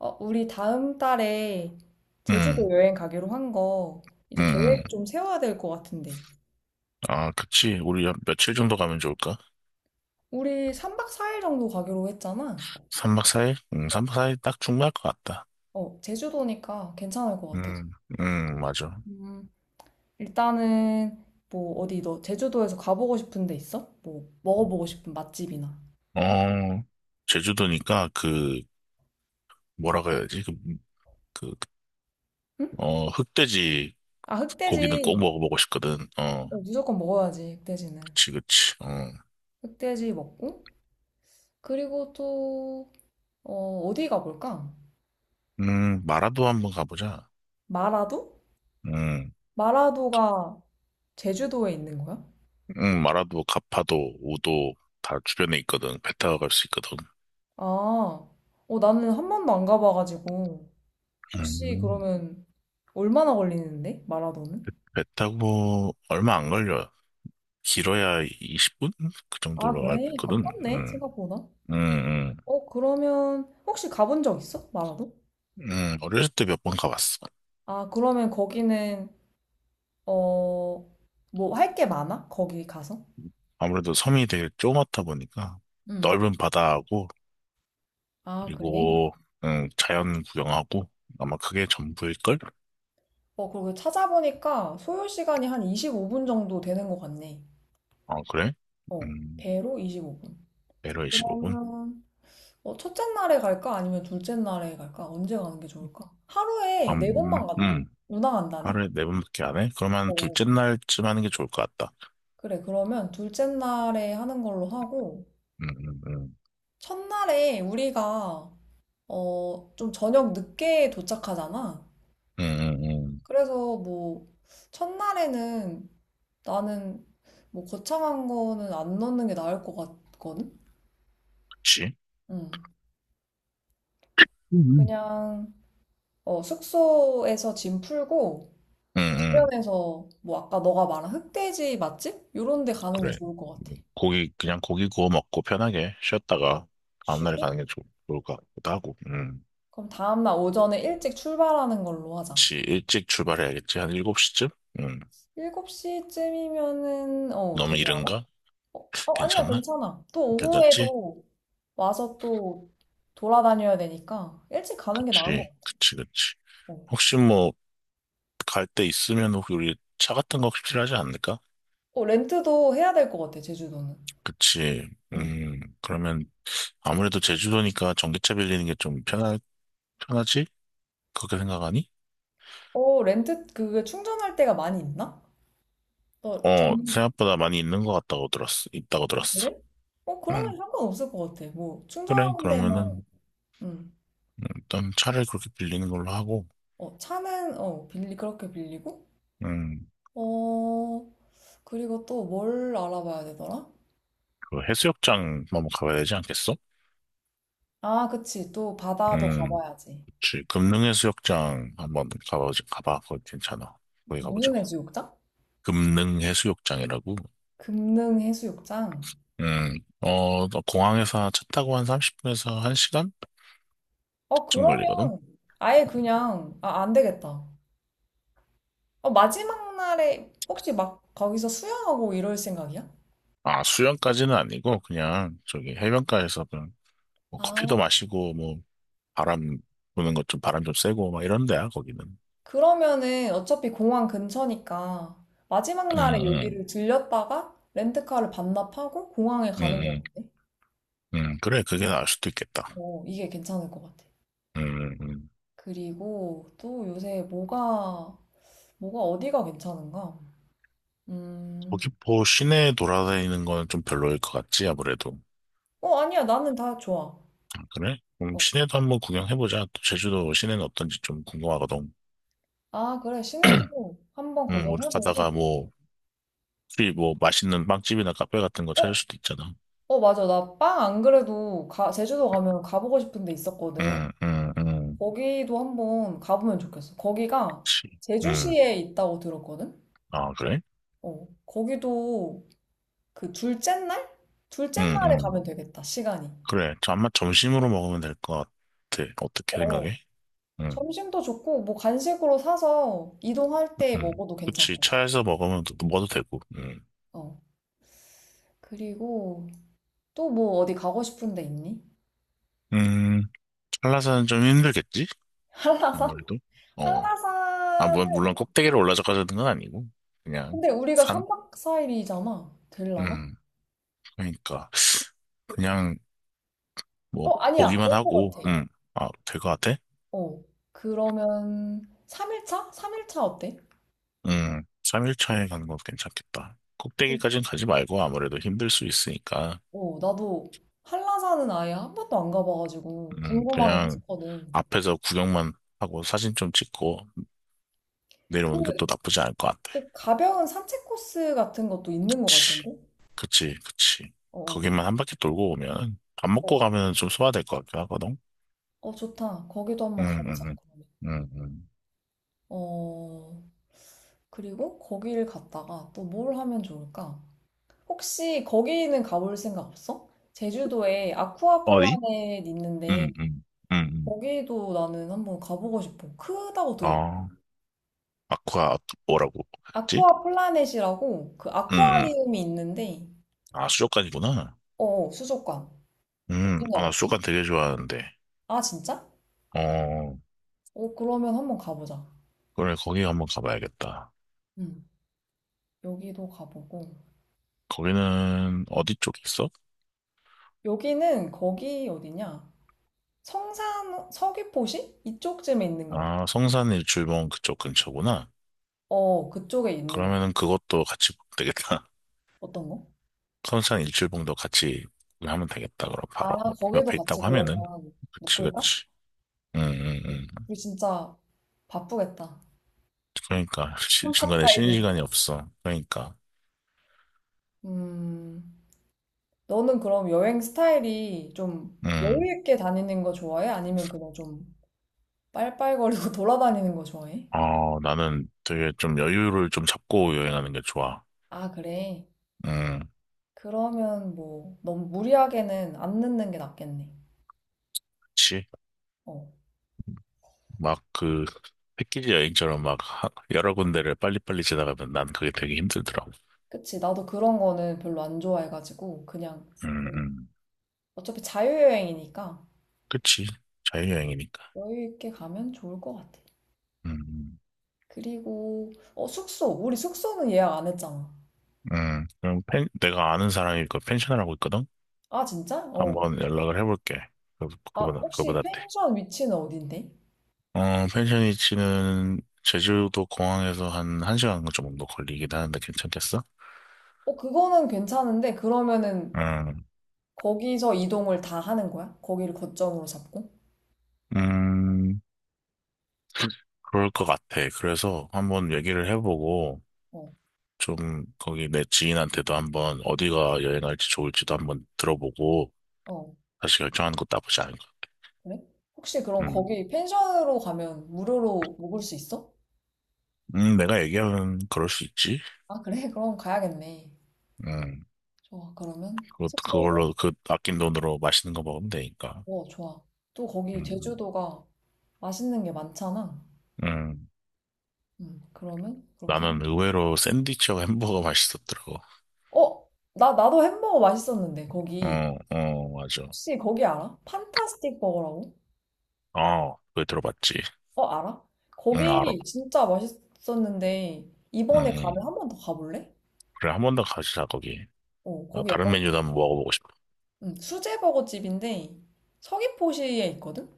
우리 다음 달에 제주도 음, 여행 가기로 한 거, 음, 이제 음. 계획 좀 세워야 될 것 같은데. 아, 그치. 우리 한 며칠 정도 가면 좋을까? 우리 3박 4일 정도 가기로 했잖아. 3박 4일? 3박 4일 딱 충분할 것 같다. 제주도니까 괜찮을 것 같아서. 음, 맞아. 음, 일단은, 뭐, 어디 너 제주도에서 가보고 싶은 데 있어? 뭐, 먹어보고 싶은 맛집이나. 어, 제주도니까 그, 뭐라고 해야지? 그, 그, 응? 어, 흑돼지 아, 고기는 꼭 흑돼지. 먹어보고 싶거든. 어, 무조건 먹어야지, 흑돼지는. 그치, 그치. 어, 흑돼지 먹고. 그리고 또, 어디 가볼까? 마라도 한번 가보자. 마라도? 음, 마라도가 제주도에 있는 거야? 마라도, 가파도, 우도 다 주변에 있거든. 배 타고 갈 수 있거든. 아, 나는 한 번도 안 가봐가지고. 혹시 음, 그러면 얼마나 걸리는데? 마라도는? 배 타고 얼마 안 걸려. 길어야 20분? 그 아, 정도로 알고 그래. 있거든. 가깝네, 음, 생각보다. 음, 음. 그러면 혹시 가본 적 있어? 마라도? 어렸을 때 몇 번 가봤어. 아, 그러면 거기는, 어, 뭐 할 게 많아? 거기 가서? 아무래도 섬이 되게 조그맣다 보니까 응. 넓은 바다하고, 아, 그래. 그리고, 자연 구경하고, 아마 그게 전부일걸? 그리고 찾아보니까 소요 시간이 한 25분 정도 되는 것 같네. 어, 그래? 음, 배로 25분. 내려 25분? 그러면 첫째 날에 갈까? 아니면 둘째 날에 갈까? 언제 가는 게 좋을까? 하루에 네 음, 번만 음, 운항한다네? 하루에 네 번밖에 안 해? 그러면 어. 둘째 날쯤 하는 게 좋을 것 같다. 그래, 그러면 둘째 날에 하는 걸로 하고, 음, 음, 음, 첫날에 우리가, 좀 저녁 늦게 도착하잖아. 음, 음, 음. 그래서 뭐, 첫날에는 나는 뭐 거창한 거는 안 넣는 게 나을 것 같거든? 그치? 응. 음, 음. 그냥, 숙소에서 짐 풀고, 음, 음. 주변에서 뭐 아까 너가 말한 흑돼지 맛집? 요런 데 가는 게 그래. 좋을 것 같아. 고기, 그냥 고기 구워 먹고 편하게 쉬었다가 다음날에 쉬고? 가는 게 좋을 것 같기도 하고. 음. 그럼 다음날 오전에 일찍 출발하는 걸로 하자. 혹시 일찍 출발해야겠지? 한 7시쯤? 음. 7시쯤이면은 너무 되려나? 이른가? 아니야, 괜찮나? 괜찮아. 또 괜찮지? 오후에도 와서 또 돌아다녀야 되니까 일찍 가는 게 나은 것 그치, 같아. 그치, 그치. 어, 혹시 뭐, 갈 때 있으면 혹시 우리 차 같은 거 혹시 필요하지 않을까? 렌트도 해야 될 것 같아, 제주도는. 그치. 응. 그러면 아무래도 제주도니까 전기차 빌리는 게 좀 편하지? 그렇게 생각하니? 렌트 그게 충전할 데가 많이 있나? 너 어, 전... 생각보다 많이 있는 것 같다고 들었어. 있다고 들었어. 그래? 음. 그러면 상관없을 것 같아. 뭐 그래, 충전하는 데만. 그러면은 응. 일단 차를 그렇게 빌리는 걸로 하고, 차는, 그렇게 빌리고, 음, 어, 그리고 또 뭘 알아봐야 되더라? 그 해수욕장 한번 가봐야 되지 않겠어? 아, 그치. 또 바다도 음, 가봐야지. 그치. 금능 해수욕장 한번 가보자, 가봐. 거기 괜찮아. 거기 가보자. 무슨 해수욕장? 금능 해수욕장이라고. 금능 해수욕장. 어, 너 공항에서 차 타고 한 30분에서 1시간쯤 걸리거든? 그러면 아예 음, 그냥, 아, 안 되겠다. 마지막 날에 혹시 막 거기서 수영하고 이럴 생각이야? 아, 수영까지는 아니고, 그냥 저기 해변가에서 그냥 뭐 아, 커피도 마시고, 뭐, 바람 부는 것 좀, 바람 좀 쐬고, 막 이런 데야, 거기는. 그러면은 어차피 공항 근처니까 마지막 응, 날에 응, 여기를 들렸다가 렌트카를 반납하고 공항에 응, 가는 거 응, 같네. 응. 그래, 그게 나을 수도 있겠다. 이게 괜찮을 것 같아. 음, 음. 그리고 또 요새 뭐가 어디가 괜찮은가? 음, 서귀포 시내 돌아다니는 건 좀 별로일 것 같지, 아무래도. 아니야. 나는 다 좋아. 아, 그래? 그럼 어. 시내도 한번 구경해보자. 또 제주도 시내는 어떤지 좀 궁금하거든. 아, 그래. 시내도 한번 우리 가다가 구경해보고. 뭐, 혹시 뭐 맛있는 빵집이나 카페 같은 거 어, 찾을 수도 있잖아. 맞아. 나 빵 안 그래도 제주도 가면 가보고 싶은 데 응, 있었거든. 응, 응. 거기도 한번 가보면 좋겠어. 거기가 그치. 응, 제주시에 있다고 들었거든? 아, 그래? 거기도 그 둘째 날? 둘째 응, 응. 날에 가면 되겠다. 시간이. 그래. 저 아마 점심으로 먹으면 될 것 같아. 어. 어떻게 어. 생각해? 응, 점심도 좋고, 뭐 간식으로 사서 이동할 때 응. 먹어도 그치. 괜찮고. 차에서 먹으면 또 먹어도 되고. 응. 어. 그리고 또 뭐 어디 가고 싶은 데 있니? 음, 한라산은 좀 힘들겠지? 한라산? 아무래도. 어. 아, 뭐, 물론 한라산은 꼭대기를 올라서까지는 건 아니고, 그냥 근데 우리가 산? 3박 4일이잖아. 될라나? 음, 그러니까. 그냥 뭐, 아니야. 보기만 될 것 하고, 같아. 아, 될 것 같아? 어. 그러면 3일차? 3일차 어때? 3일차에 가는 것도 괜찮겠다. 그- 꼭대기까지는 가지 말고 아무래도 힘들 수 있으니까, 나도 한라산은 아예 한 번도 안 가봐가지고 궁금하긴 그냥 했었거든. 앞에서 구경만 하고 사진 좀 찍고 그, 내려오는 것도 나쁘지 않을 것 같아. 그 가벼운 산책 코스 같은 것도 있는 것 그치, 같은데? 그치, 그치. 어. 거기만 한 바퀴 돌고 오면 밥 어. 먹고 가면 좀 소화될 것 같긴 하거든? 좋다. 거기도 한번 응, 가보자, 응, 응, 그러면. 응, 응. 어, 그리고 거기를 갔다가 또 뭘 하면 좋을까? 혹시 거기는 가볼 생각 없어? 제주도에 아쿠아 어디? 플라넷 있는데, 음, 음, 음, 음. 거기도 나는 한번 가보고 싶어. 크다고 들어. 아, 아쿠아, 뭐라고 했지? 아쿠아 플라넷이라고 그 음, 음. 아쿠아리움이 있는데, 아, 수족관이구나. 수족관. 여기는 아, 나 어때? 수족관 되게 좋아하는데. 아, 진짜? 어, 그러면 한번 가보자. 그래, 거기 한번 가봐야겠다. 응, 여기도 가보고. 거기는 어디 쪽에 있어? 여기는 거기 어디냐? 성산, 서귀포시? 이쪽쯤에 있는 것 같아. 아, 성산 일출봉 그쪽 근처구나. 그쪽에 있는 거. 그러면은 그것도 같이 보면 되겠다. 어떤 거? 성산 일출봉도 같이 하면 되겠다. 그럼 아, 바로 그 거기도 옆에 같이 있다고 하면은. 그러면 그치, 묶을까? 그치. 응, 응, 응. 우리 진짜 바쁘겠다. 그러니까, 시- 컴팍 중간에 타이즈 쉬는 인데 시간이 없어. 그러니까. 음, 너는 그럼 여행 스타일이 좀 응. 여유 있게 다니는 거 좋아해? 아니면 그냥 좀 빨빨거리고 돌아다니는 거 좋아해? 어, 나는 되게 좀 여유를 좀 잡고 여행하는 게 좋아. 아, 그래. 음, 그러면 뭐 너무 무리하게는 안 늦는 게 낫겠네. 그치? 어, 막 그, 패키지 여행처럼 막 하- 여러 군데를 빨리빨리 지나가면 난 그게 되게 힘들더라고. 그치. 나도 그런 거는 별로 안 좋아해가지고 그냥 음, 음. 어차피 자유여행이니까 그치? 자유여행이니까. 여유 있게 가면 좋을 것 같아. 음, 그리고 어 숙소 우리 숙소는 예약 안 했잖아. 그럼 펜, 내가 아는 사람이 그 펜션을 하고 있거든? 아 진짜? 어. 한번 연락을 해볼게. 그, 아 혹시 그분한테. 펜션 위치는 어딘데? 어, 펜션 위치는 제주도 공항에서 한 1시간 정도 걸리긴 하는데 괜찮겠어? 그거는 괜찮은데 그러면은 음, 거기서 이동을 다 하는 거야? 거기를 거점으로 잡고? 음. 그럴 것 같아. 그래서 한번 얘기를 해보고, 어. 좀 거기 내 지인한테도 한번 어디가 여행할지 좋을지도 한번 들어보고, 어. 다시 결정하는 것도 나쁘지 않은 것 같아. 그래? 혹시 그럼 음. 거기 펜션으로 가면 무료로 묵을 수 있어? 내가 얘기하면 그럴 수 있지. 아 그래? 그럼 가야겠네. 음, 좋아. 그러면 숙소는 그걸로, 그 아낀 돈으로 맛있는 거 먹으면 되니까. 좋아. 또 거기 음, 제주도가 맛있는 게 많잖아. 음. 그러면 그렇게 하면 나는 돼. 의외로 샌드위치하고 햄버거 맛있었더라고. 어? 나도 햄버거 맛있었는데 거기 어, 어, 맞아. 혹시 거기 알아? 판타스틱 버거라고? 어, 그거 들어봤지. 알아? 응, 알아. 거기 진짜 맛있었는데 응, 이번에 응. 가면 한 번 더 가볼래? 그래, 한 번 더 가자, 거기. 아, 거기 다른 약간 메뉴도 한번 먹어보고 싶어. 수제 버거 집인데 서귀포시에 있거든?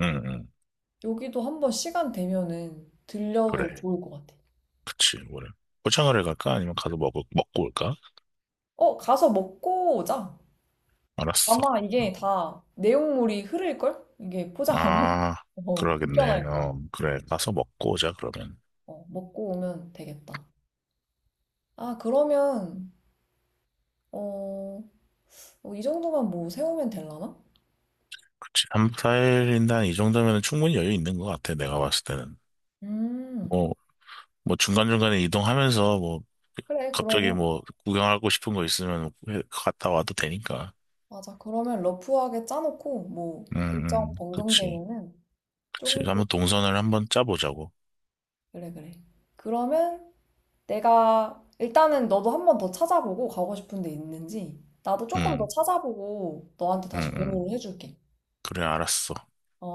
응, 응. 여기도 한번 시간 되면은 들려도 그래. 좋을 것 같아. 그치, 뭐래. 포장을 갈까? 아니면 가서 먹고 올까? 가서 먹고 오자. 알았어. 아마 음. 이게 다 내용물이 흐를걸? 이게 포장하면? 아, 그러겠네. 불편할 거야. 어, 그래. 가서 먹고 오자, 그러면. 먹고 오면 되겠다. 아, 그러면, 어, 이 정도만 뭐 세우면 되려나? 그치. 3박 4일인데 한이 정도면 충분히 여유 있는 것 같아, 내가 봤을 때는. 음, 뭐, 뭐 중간중간에 이동하면서 뭐, 그래, 갑자기 그러면. 뭐, 구경하고 싶은 거 있으면 해- 갔다 와도 되니까. 맞아. 그러면 러프하게 짜놓고, 뭐, 응, 일정 응, 그치. 변경되면은 그치. 조금씩. 한번 동선을 한번 짜보자고. 그래, 그래. 그러면 내가, 일단은 너도 한 번 더 찾아보고, 가고 싶은 데 있는지, 나도 조금 더 응, 찾아보고, 너한테 다시 응, 응. 공유를 해줄게. 그래, 알았어. 어?